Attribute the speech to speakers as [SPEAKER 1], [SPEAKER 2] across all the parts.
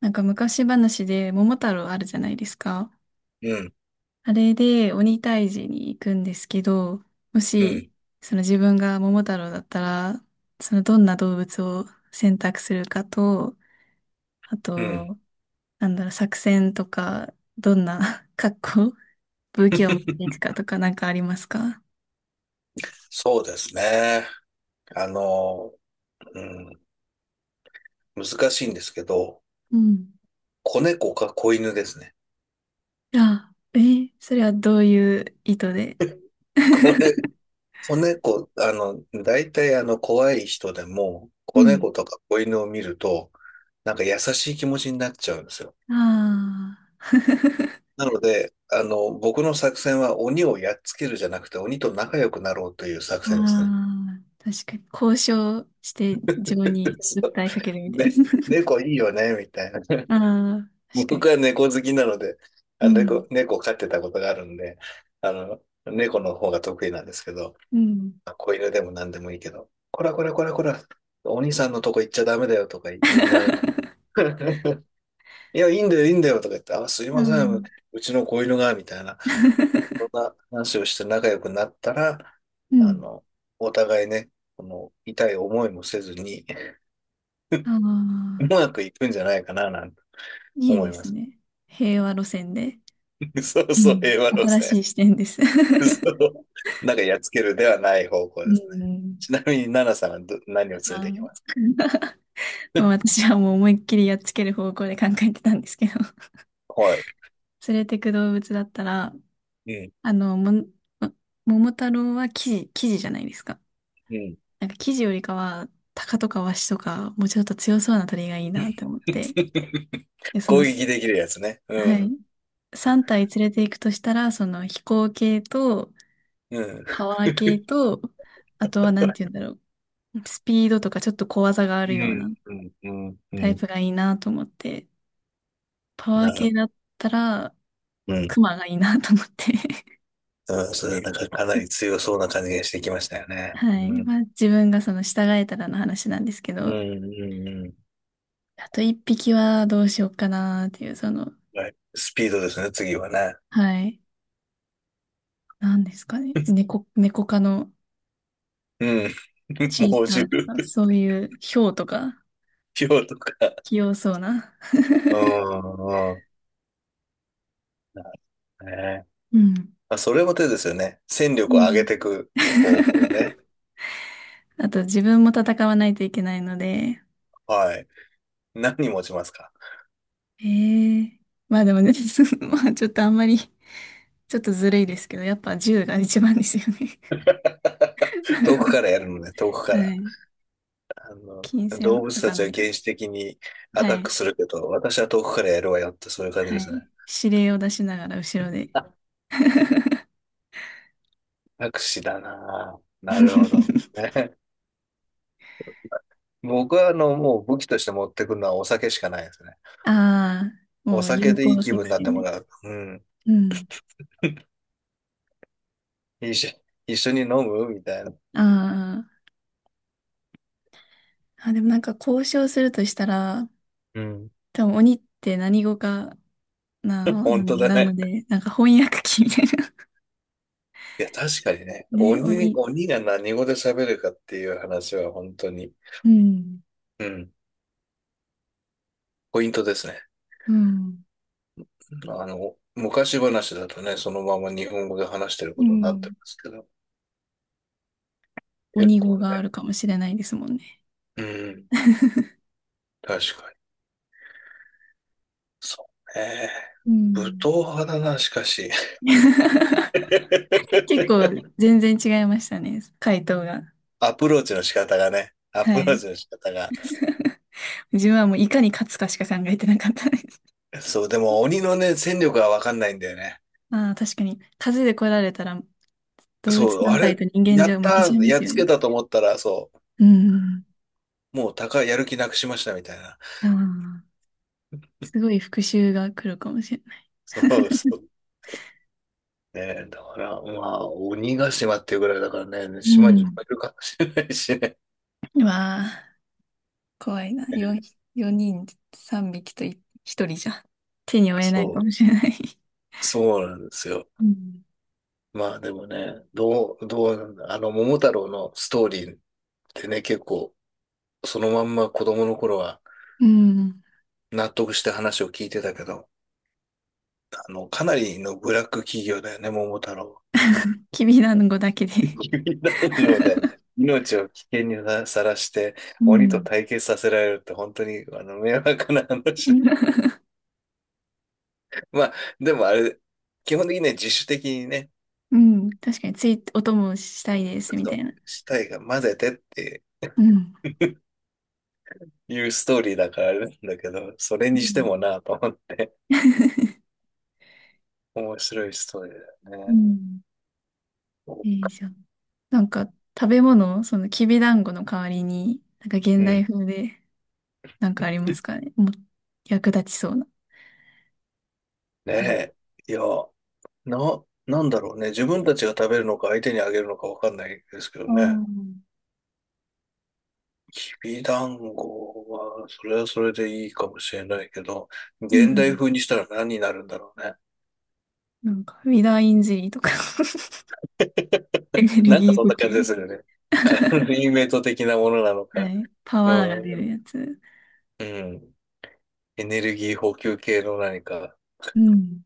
[SPEAKER 1] なんか昔話で桃太郎あるじゃないですか。
[SPEAKER 2] うん、
[SPEAKER 1] あれで鬼退治に行くんですけど、も
[SPEAKER 2] うん、
[SPEAKER 1] し、その自分が桃太郎だったら、そのどんな動物を選択するかと、あ
[SPEAKER 2] うん。
[SPEAKER 1] と、なんだろう、作戦とか、どんな 格好、武器を持っていく かとかなんかありますか？
[SPEAKER 2] そうですね。あの、うん、難しいんですけど、
[SPEAKER 1] うん。
[SPEAKER 2] 子猫か子犬ですね。
[SPEAKER 1] いや、え、それはどういう意図で？
[SPEAKER 2] 子ね、子猫、大体怖い人でも、
[SPEAKER 1] う
[SPEAKER 2] 子
[SPEAKER 1] ん。
[SPEAKER 2] 猫とか子犬を見ると、なんか優しい気持ちになっちゃうんですよ。
[SPEAKER 1] ああ。
[SPEAKER 2] なので、僕の作戦は鬼をやっつけるじゃなくて、鬼と仲良くなろうという作
[SPEAKER 1] あ
[SPEAKER 2] 戦ですね。
[SPEAKER 1] あ、確かに。交渉して自分に
[SPEAKER 2] そう
[SPEAKER 1] 訴えかけるみたいな。
[SPEAKER 2] で、猫いいよね、みたいな。
[SPEAKER 1] ああ、確 か
[SPEAKER 2] 僕
[SPEAKER 1] に。
[SPEAKER 2] は猫好きなので、
[SPEAKER 1] うん。
[SPEAKER 2] 猫を飼ってたことがあるんで、猫の方が得意なんですけど、
[SPEAKER 1] うん。
[SPEAKER 2] 子犬でも何でもいいけど、こらこらこらこら、お兄さんのとこ行っちゃダメだよとか言いながら、いや、いいんだよ、いいんだよとか言って、あ、すい
[SPEAKER 1] う
[SPEAKER 2] ません、
[SPEAKER 1] ん。
[SPEAKER 2] うちの子犬が、みたいな、そん な話をして仲良くなったら、
[SPEAKER 1] う
[SPEAKER 2] あ
[SPEAKER 1] ん。
[SPEAKER 2] の、お互いね、この痛い思いもせずに、
[SPEAKER 1] あ
[SPEAKER 2] う
[SPEAKER 1] あ、
[SPEAKER 2] まくいくんじゃないかな、なんて
[SPEAKER 1] いい
[SPEAKER 2] 思い
[SPEAKER 1] で
[SPEAKER 2] ま
[SPEAKER 1] す
[SPEAKER 2] す。
[SPEAKER 1] ね。平和路線で。
[SPEAKER 2] そう
[SPEAKER 1] う
[SPEAKER 2] そう、
[SPEAKER 1] ん。
[SPEAKER 2] 平和路
[SPEAKER 1] 新
[SPEAKER 2] 線。
[SPEAKER 1] しい視点です。
[SPEAKER 2] そう なんかやっつけるではない方向
[SPEAKER 1] う
[SPEAKER 2] ですね。
[SPEAKER 1] ん。
[SPEAKER 2] ちなみに、ナナさんは何を連れ
[SPEAKER 1] あ
[SPEAKER 2] て
[SPEAKER 1] ー
[SPEAKER 2] きます？
[SPEAKER 1] まあ私はもう思いっきりやっつける方向で考えてたんですけど。
[SPEAKER 2] はい。
[SPEAKER 1] 連れてく動物だったら、
[SPEAKER 2] うん。
[SPEAKER 1] あの、も、も桃太郎はキジ、キジじゃないですか。
[SPEAKER 2] うん。
[SPEAKER 1] なんか生地よりかは、タカとかワシとか、もうちょっと強そうな鳥がいいなって思って。で、そ
[SPEAKER 2] 攻
[SPEAKER 1] の、
[SPEAKER 2] 撃できるやつね。
[SPEAKER 1] はい。
[SPEAKER 2] ん。
[SPEAKER 1] 3体連れて行くとしたら、その飛行系と、
[SPEAKER 2] うん。
[SPEAKER 1] パワー系と、あとはなんて言うんだろう。スピードとかちょっと小技があ
[SPEAKER 2] う
[SPEAKER 1] るような
[SPEAKER 2] ん。うん。うん。う
[SPEAKER 1] タイ
[SPEAKER 2] ん。
[SPEAKER 1] プがいいなと思って。パワ
[SPEAKER 2] な
[SPEAKER 1] ー系
[SPEAKER 2] る
[SPEAKER 1] だったら、
[SPEAKER 2] ほど。うん。
[SPEAKER 1] クマがいいなと思って。
[SPEAKER 2] うん。それ、なんかかなり 強そうな感じがしてきましたよね。
[SPEAKER 1] は
[SPEAKER 2] う
[SPEAKER 1] い。
[SPEAKER 2] ん。
[SPEAKER 1] まあ自分がその従えたらの話なんですけ
[SPEAKER 2] うん。
[SPEAKER 1] ど、
[SPEAKER 2] うん。うん。
[SPEAKER 1] あと一匹はどうしようかなっていう、その、
[SPEAKER 2] はい。スピードですね、次はね。
[SPEAKER 1] はい。なんですかね。猫、猫科の
[SPEAKER 2] うん。
[SPEAKER 1] チー
[SPEAKER 2] 猛
[SPEAKER 1] タ
[SPEAKER 2] 獣、
[SPEAKER 1] ーとか、そ ういうヒョウとか、
[SPEAKER 2] 豹とか。
[SPEAKER 1] 器用そうな。
[SPEAKER 2] うん。うん。なるほどね。
[SPEAKER 1] うん。
[SPEAKER 2] まあ、それも手ですよね。戦
[SPEAKER 1] う
[SPEAKER 2] 力を上げ
[SPEAKER 1] ん。
[SPEAKER 2] ていく 方向ね。
[SPEAKER 1] あと、自分も戦わないといけないので、
[SPEAKER 2] はい。何持ちますか？
[SPEAKER 1] ええ、まあでもね、まあちょっとあんまり、ちょっとずるいですけど、やっぱ銃が一番ですよね。
[SPEAKER 2] 遠くか らやるのね、遠くか
[SPEAKER 1] は
[SPEAKER 2] ら。
[SPEAKER 1] い。
[SPEAKER 2] あの、
[SPEAKER 1] 金
[SPEAKER 2] 動
[SPEAKER 1] 銭
[SPEAKER 2] 物
[SPEAKER 1] と
[SPEAKER 2] た
[SPEAKER 1] か
[SPEAKER 2] ち
[SPEAKER 1] な
[SPEAKER 2] は
[SPEAKER 1] んか、
[SPEAKER 2] 原始的にア
[SPEAKER 1] は
[SPEAKER 2] タッ
[SPEAKER 1] い。
[SPEAKER 2] クするけど、私は遠くからやるわよって、そういう感じ
[SPEAKER 1] は
[SPEAKER 2] ですね。
[SPEAKER 1] い。指令を出しながら後ろで。
[SPEAKER 2] あ、アクシだなぁ。なるほどね。僕は、もう武器として持ってくるのはお酒しかないですね。
[SPEAKER 1] ああ、
[SPEAKER 2] お
[SPEAKER 1] もう
[SPEAKER 2] 酒
[SPEAKER 1] 有
[SPEAKER 2] でいい
[SPEAKER 1] 効
[SPEAKER 2] 気分
[SPEAKER 1] 作
[SPEAKER 2] になって
[SPEAKER 1] 戦で。
[SPEAKER 2] もらう。うん。
[SPEAKER 1] うん。
[SPEAKER 2] 一緒、一緒に飲むみたいな。
[SPEAKER 1] ああ。あ、でもなんか交渉するとしたら、
[SPEAKER 2] うん。
[SPEAKER 1] 多分鬼って何語かな、
[SPEAKER 2] 本当だ
[SPEAKER 1] なの
[SPEAKER 2] ね。
[SPEAKER 1] で、なんか翻訳機みたいな。
[SPEAKER 2] いや、確かにね、
[SPEAKER 1] ね、鬼。
[SPEAKER 2] 鬼が何語で喋るかっていう話は本当に、
[SPEAKER 1] うん。
[SPEAKER 2] うん、ポイントですね。
[SPEAKER 1] うん。
[SPEAKER 2] 昔話だとね、そのまま日本語で話してる
[SPEAKER 1] う
[SPEAKER 2] ことになって
[SPEAKER 1] ん。
[SPEAKER 2] ますけど、結
[SPEAKER 1] 鬼語
[SPEAKER 2] 構ね、
[SPEAKER 1] があるかもしれないですもんね。
[SPEAKER 2] うん、確かに。そうね。
[SPEAKER 1] う
[SPEAKER 2] 武
[SPEAKER 1] ん。
[SPEAKER 2] 闘派だな、しかし。
[SPEAKER 1] 結構 全然違いましたね、回答が。
[SPEAKER 2] アプローチの仕方がね、ア
[SPEAKER 1] は
[SPEAKER 2] プロー
[SPEAKER 1] い。
[SPEAKER 2] チの仕方が。
[SPEAKER 1] 自分はもういかに勝つかしか考えてなかったです。
[SPEAKER 2] そう、でも鬼のね、戦力はわかんないんだよね。
[SPEAKER 1] ああ、確かに。数で来られたら動物
[SPEAKER 2] そう、
[SPEAKER 1] 団
[SPEAKER 2] あ
[SPEAKER 1] 体
[SPEAKER 2] れ、
[SPEAKER 1] と人間
[SPEAKER 2] や
[SPEAKER 1] じゃ
[SPEAKER 2] っ
[SPEAKER 1] 負け
[SPEAKER 2] た
[SPEAKER 1] ちゃい
[SPEAKER 2] ー、
[SPEAKER 1] ま
[SPEAKER 2] やっ
[SPEAKER 1] すよ
[SPEAKER 2] つ
[SPEAKER 1] ね。
[SPEAKER 2] けたと思ったら、そう、
[SPEAKER 1] うん。
[SPEAKER 2] もう高い、やる気なくしましたみたいな。
[SPEAKER 1] ああ。すごい復讐が来るかもしれない。
[SPEAKER 2] そうそうね。だから、まあ、鬼ヶ島っていうぐらいだからね、
[SPEAKER 1] う
[SPEAKER 2] 島にいっ
[SPEAKER 1] ん。
[SPEAKER 2] ぱいいるかもしれないしね。
[SPEAKER 1] うわあ、怖いな。
[SPEAKER 2] ね、
[SPEAKER 1] 4、四人3匹と1、一人じゃ手に負えないかも
[SPEAKER 2] そ
[SPEAKER 1] しれない。
[SPEAKER 2] う、そうなんですよ。
[SPEAKER 1] うん。
[SPEAKER 2] まあでもね、どうなんだ、桃太郎のストーリーってね、結構、そのまんま子供の頃は
[SPEAKER 1] うん。
[SPEAKER 2] 納得して話を聞いてたけど、かなりのブラック企業だよね、桃太郎。
[SPEAKER 1] きびだんごだけ で。
[SPEAKER 2] 指団子で命を危険にさらして、
[SPEAKER 1] う
[SPEAKER 2] 鬼と
[SPEAKER 1] ん。
[SPEAKER 2] 対決させられるって本当に、迷惑な話。まあ、でもあれ、基本的にね、自主的にね、
[SPEAKER 1] うん。確かについ、お供したいです、み
[SPEAKER 2] そ
[SPEAKER 1] たい
[SPEAKER 2] う
[SPEAKER 1] な。
[SPEAKER 2] したいが混ぜてって
[SPEAKER 1] うん。
[SPEAKER 2] いうストーリーだからあれなんだけど、それに
[SPEAKER 1] う
[SPEAKER 2] して
[SPEAKER 1] ん。
[SPEAKER 2] もなと思って、面白いストーリーだ
[SPEAKER 1] う
[SPEAKER 2] よね。
[SPEAKER 1] ん。いいじゃん。なんか、食べ物、そのきびだんごの代わりに、なんか
[SPEAKER 2] う
[SPEAKER 1] 現代
[SPEAKER 2] ん。
[SPEAKER 1] 風で、なんかありま
[SPEAKER 2] ね
[SPEAKER 1] すかね。もう、役立ちそうな。
[SPEAKER 2] え。いや、なんだろうね。自分たちが食べるのか相手にあげるのかわかんないですけど
[SPEAKER 1] あ
[SPEAKER 2] ね。
[SPEAKER 1] あ。
[SPEAKER 2] きびだんごは、それはそれでいいかもしれないけど、
[SPEAKER 1] う
[SPEAKER 2] 現代
[SPEAKER 1] ん。
[SPEAKER 2] 風にしたら何になるんだろうね。
[SPEAKER 1] なんか、ウィダーインジェリーとか エネル
[SPEAKER 2] なんか
[SPEAKER 1] ギー
[SPEAKER 2] そん
[SPEAKER 1] 補
[SPEAKER 2] な感じで
[SPEAKER 1] 給。
[SPEAKER 2] するよね。カロリーメイト的なものなの
[SPEAKER 1] は
[SPEAKER 2] か。
[SPEAKER 1] い。パ
[SPEAKER 2] う
[SPEAKER 1] ワーが出る
[SPEAKER 2] ん、
[SPEAKER 1] やつ。
[SPEAKER 2] うん。エネルギー補給系の何か。
[SPEAKER 1] うん。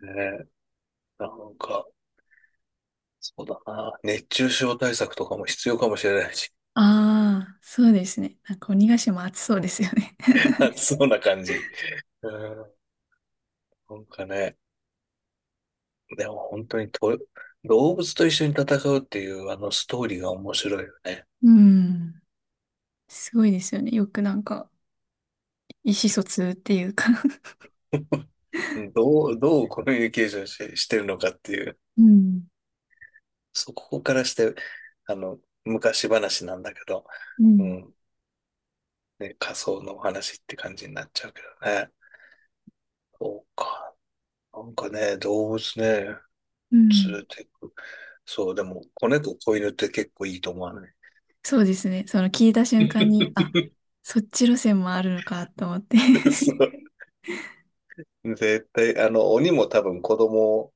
[SPEAKER 2] ね、なんか、そうだな。熱中症対策とかも必要かもしれないし。
[SPEAKER 1] ああ、そうですね。なんか鬼ヶ島暑そうですよね。
[SPEAKER 2] 暑そうな感じ。うん。なんかね、でも本当にと、動物と一緒に戦うっていうあのストーリーが面白いよね。
[SPEAKER 1] うん。すごいですよね。よくなんか、意思疎通っていうか。
[SPEAKER 2] どうコミュニケーションしてるのかっていう。
[SPEAKER 1] うん。
[SPEAKER 2] そこからして、あの、昔話なんだけど、
[SPEAKER 1] う
[SPEAKER 2] う
[SPEAKER 1] ん。
[SPEAKER 2] ん。ね、仮想のお話って感じになっちゃうけどね。そうか。なんかね、動物ね。
[SPEAKER 1] うん。
[SPEAKER 2] 連れてく。そう、でも、子猫、子犬って結構いいと思わない？
[SPEAKER 1] そうですね。その聞いた瞬間に、あ、そっち路線もあるのかと思って。
[SPEAKER 2] そう。絶対、鬼も多分子供を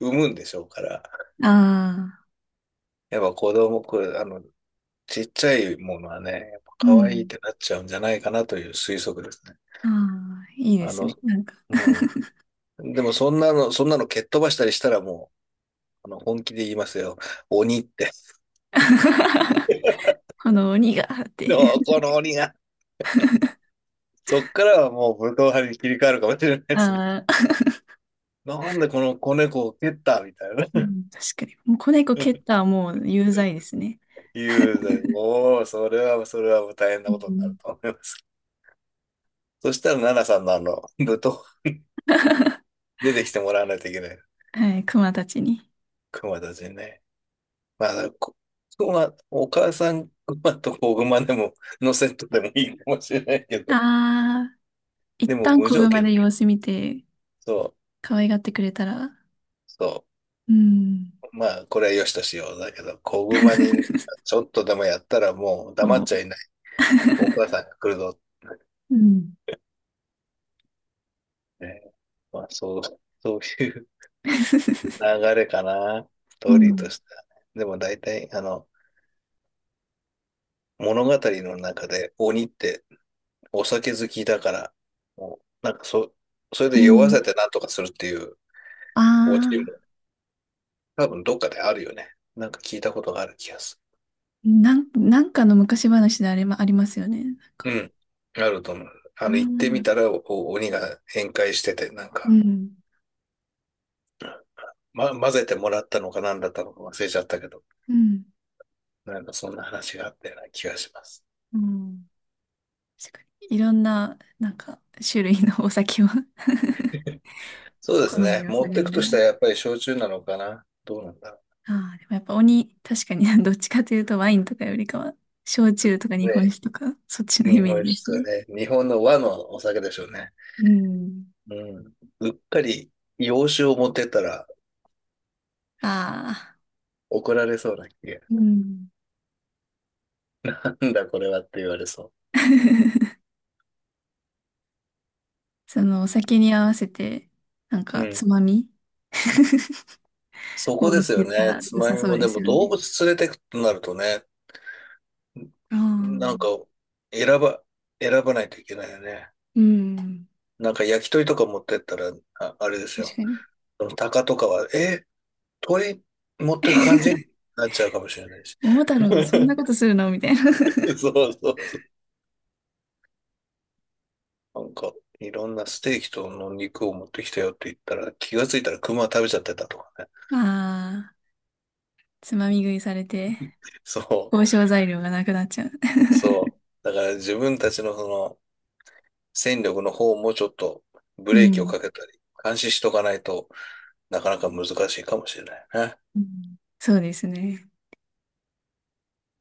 [SPEAKER 2] 産むんでしょうから、
[SPEAKER 1] ああ、
[SPEAKER 2] やっぱ子供、これ、ちっちゃいものはね、やっぱ
[SPEAKER 1] う
[SPEAKER 2] 可愛いっ
[SPEAKER 1] ん。
[SPEAKER 2] てなっちゃうんじゃないかなという推測ですね。
[SPEAKER 1] ああ、いいで
[SPEAKER 2] あ
[SPEAKER 1] す
[SPEAKER 2] の、
[SPEAKER 1] ね。なんか。
[SPEAKER 2] うでも、そんなの蹴っ飛ばしたりしたらもう、本気で言いますよ。鬼って。
[SPEAKER 1] あの、鬼がっ て。
[SPEAKER 2] でもこ の鬼が、そっからはもう武闘派に切り替わるかもしれないですね。
[SPEAKER 1] ああ。
[SPEAKER 2] なんでこの子猫を蹴ったみたい
[SPEAKER 1] う
[SPEAKER 2] な。
[SPEAKER 1] ん、確かに。もう子猫蹴ったはもう有罪ですね。
[SPEAKER 2] 雄然、もう、それはもう大変なこ
[SPEAKER 1] う
[SPEAKER 2] とになる
[SPEAKER 1] ん。
[SPEAKER 2] と思います。そしたら、奈々さんのあの、舞踏、出てきてもらわないといけない。
[SPEAKER 1] はい、熊たちに。
[SPEAKER 2] 熊たちにね。まあ、こ熊、お母さん熊と子熊でも、のセットでもいいかもしれないけど、
[SPEAKER 1] ああ、一
[SPEAKER 2] でも
[SPEAKER 1] 旦
[SPEAKER 2] 無
[SPEAKER 1] 子
[SPEAKER 2] 条
[SPEAKER 1] 熊
[SPEAKER 2] 件
[SPEAKER 1] で
[SPEAKER 2] で、
[SPEAKER 1] 様子見て、
[SPEAKER 2] そう、
[SPEAKER 1] 可愛がってくれたら、
[SPEAKER 2] そ
[SPEAKER 1] うん。
[SPEAKER 2] う、まあ、これは良しとしよう。だけど、子熊に、ちょっとでもやったらもう黙っ
[SPEAKER 1] も
[SPEAKER 2] ちゃいない。お母さんが来るぞっ
[SPEAKER 1] う、うん。
[SPEAKER 2] てね。まあ、そう、そういう 流れかな。ス
[SPEAKER 1] う
[SPEAKER 2] トーリーと
[SPEAKER 1] ん。
[SPEAKER 2] してはね。でも大体、物語の中で鬼ってお酒好きだから、もう、なんかそ、それ
[SPEAKER 1] う
[SPEAKER 2] で酔わせ
[SPEAKER 1] ん。
[SPEAKER 2] てなんとかするっていう
[SPEAKER 1] あ
[SPEAKER 2] オチも
[SPEAKER 1] あ、
[SPEAKER 2] 多分どっかであるよね。なんか聞いたことがある気がす
[SPEAKER 1] なんかの昔話であれもありますよね。なんか、
[SPEAKER 2] る。うん。あると思う。
[SPEAKER 1] あ
[SPEAKER 2] あ
[SPEAKER 1] あ、う
[SPEAKER 2] の、行ってみ
[SPEAKER 1] ん。
[SPEAKER 2] たらお鬼が宴会してて、なん
[SPEAKER 1] う
[SPEAKER 2] か、ま、混ぜてもらったのか何だったのか忘れちゃったけど、
[SPEAKER 1] ん。
[SPEAKER 2] なんかそんな話があったような気がします。
[SPEAKER 1] うん。確かに。いろんな、なんか、種類のお酒を。
[SPEAKER 2] そうで
[SPEAKER 1] 好
[SPEAKER 2] すね。
[SPEAKER 1] みを
[SPEAKER 2] 持っ
[SPEAKER 1] 探
[SPEAKER 2] て
[SPEAKER 1] り
[SPEAKER 2] くと
[SPEAKER 1] なが
[SPEAKER 2] したら
[SPEAKER 1] ら。
[SPEAKER 2] やっぱり焼酎なのかな。どうなんだろ
[SPEAKER 1] ああ、でもやっぱ鬼、確かに、 どっちかというとワインとかよりかは、焼酎とか
[SPEAKER 2] う。
[SPEAKER 1] 日本
[SPEAKER 2] ね、
[SPEAKER 1] 酒とか、そっちのイ
[SPEAKER 2] 日
[SPEAKER 1] メー
[SPEAKER 2] 本
[SPEAKER 1] ジ
[SPEAKER 2] 酒
[SPEAKER 1] です
[SPEAKER 2] と
[SPEAKER 1] ね。
[SPEAKER 2] かね、日本の和のお酒でしょうね。
[SPEAKER 1] うん。
[SPEAKER 2] うん。うっかり洋酒を持ってったら
[SPEAKER 1] ああ。
[SPEAKER 2] 怒られそうな気が。
[SPEAKER 1] うん。
[SPEAKER 2] なんだこれはって言われそ
[SPEAKER 1] そのお酒に合わせて、なん
[SPEAKER 2] う。う
[SPEAKER 1] か
[SPEAKER 2] ん。
[SPEAKER 1] つまみ
[SPEAKER 2] そこ
[SPEAKER 1] を持
[SPEAKER 2] で
[SPEAKER 1] っ
[SPEAKER 2] す
[SPEAKER 1] てい
[SPEAKER 2] よ
[SPEAKER 1] った
[SPEAKER 2] ね。
[SPEAKER 1] ら
[SPEAKER 2] つ
[SPEAKER 1] 良
[SPEAKER 2] ま
[SPEAKER 1] さ
[SPEAKER 2] み
[SPEAKER 1] そ
[SPEAKER 2] も
[SPEAKER 1] うで
[SPEAKER 2] で
[SPEAKER 1] す
[SPEAKER 2] も
[SPEAKER 1] よ
[SPEAKER 2] 動
[SPEAKER 1] ね。
[SPEAKER 2] 物連れてくとなるとね、
[SPEAKER 1] あ
[SPEAKER 2] なんか
[SPEAKER 1] あ。
[SPEAKER 2] 選ば、選ばないといけないよね。
[SPEAKER 1] うん。
[SPEAKER 2] なんか焼き鳥とか持ってったら、あ、あれです
[SPEAKER 1] 確
[SPEAKER 2] よ。
[SPEAKER 1] かに。
[SPEAKER 2] その鷹とかは、え、鳥持ってく感じに なっちゃうかもしれないし。
[SPEAKER 1] 桃太郎、そん なことするのみたいな。
[SPEAKER 2] そうそうなんか、いろんなステーキとの肉を持ってきたよって言ったら、気がついたら熊食べちゃってたとかね。
[SPEAKER 1] ああ、つまみ食いされて、
[SPEAKER 2] そ
[SPEAKER 1] 交
[SPEAKER 2] う、
[SPEAKER 1] 渉材料がなくなっちゃう。
[SPEAKER 2] そう。だから自分たちのその戦力の方もちょっと ブ
[SPEAKER 1] う
[SPEAKER 2] レーキを
[SPEAKER 1] ん。
[SPEAKER 2] かけたり、監視しとかないとなかなか難しいかもしれないね。
[SPEAKER 1] うん。そうですね。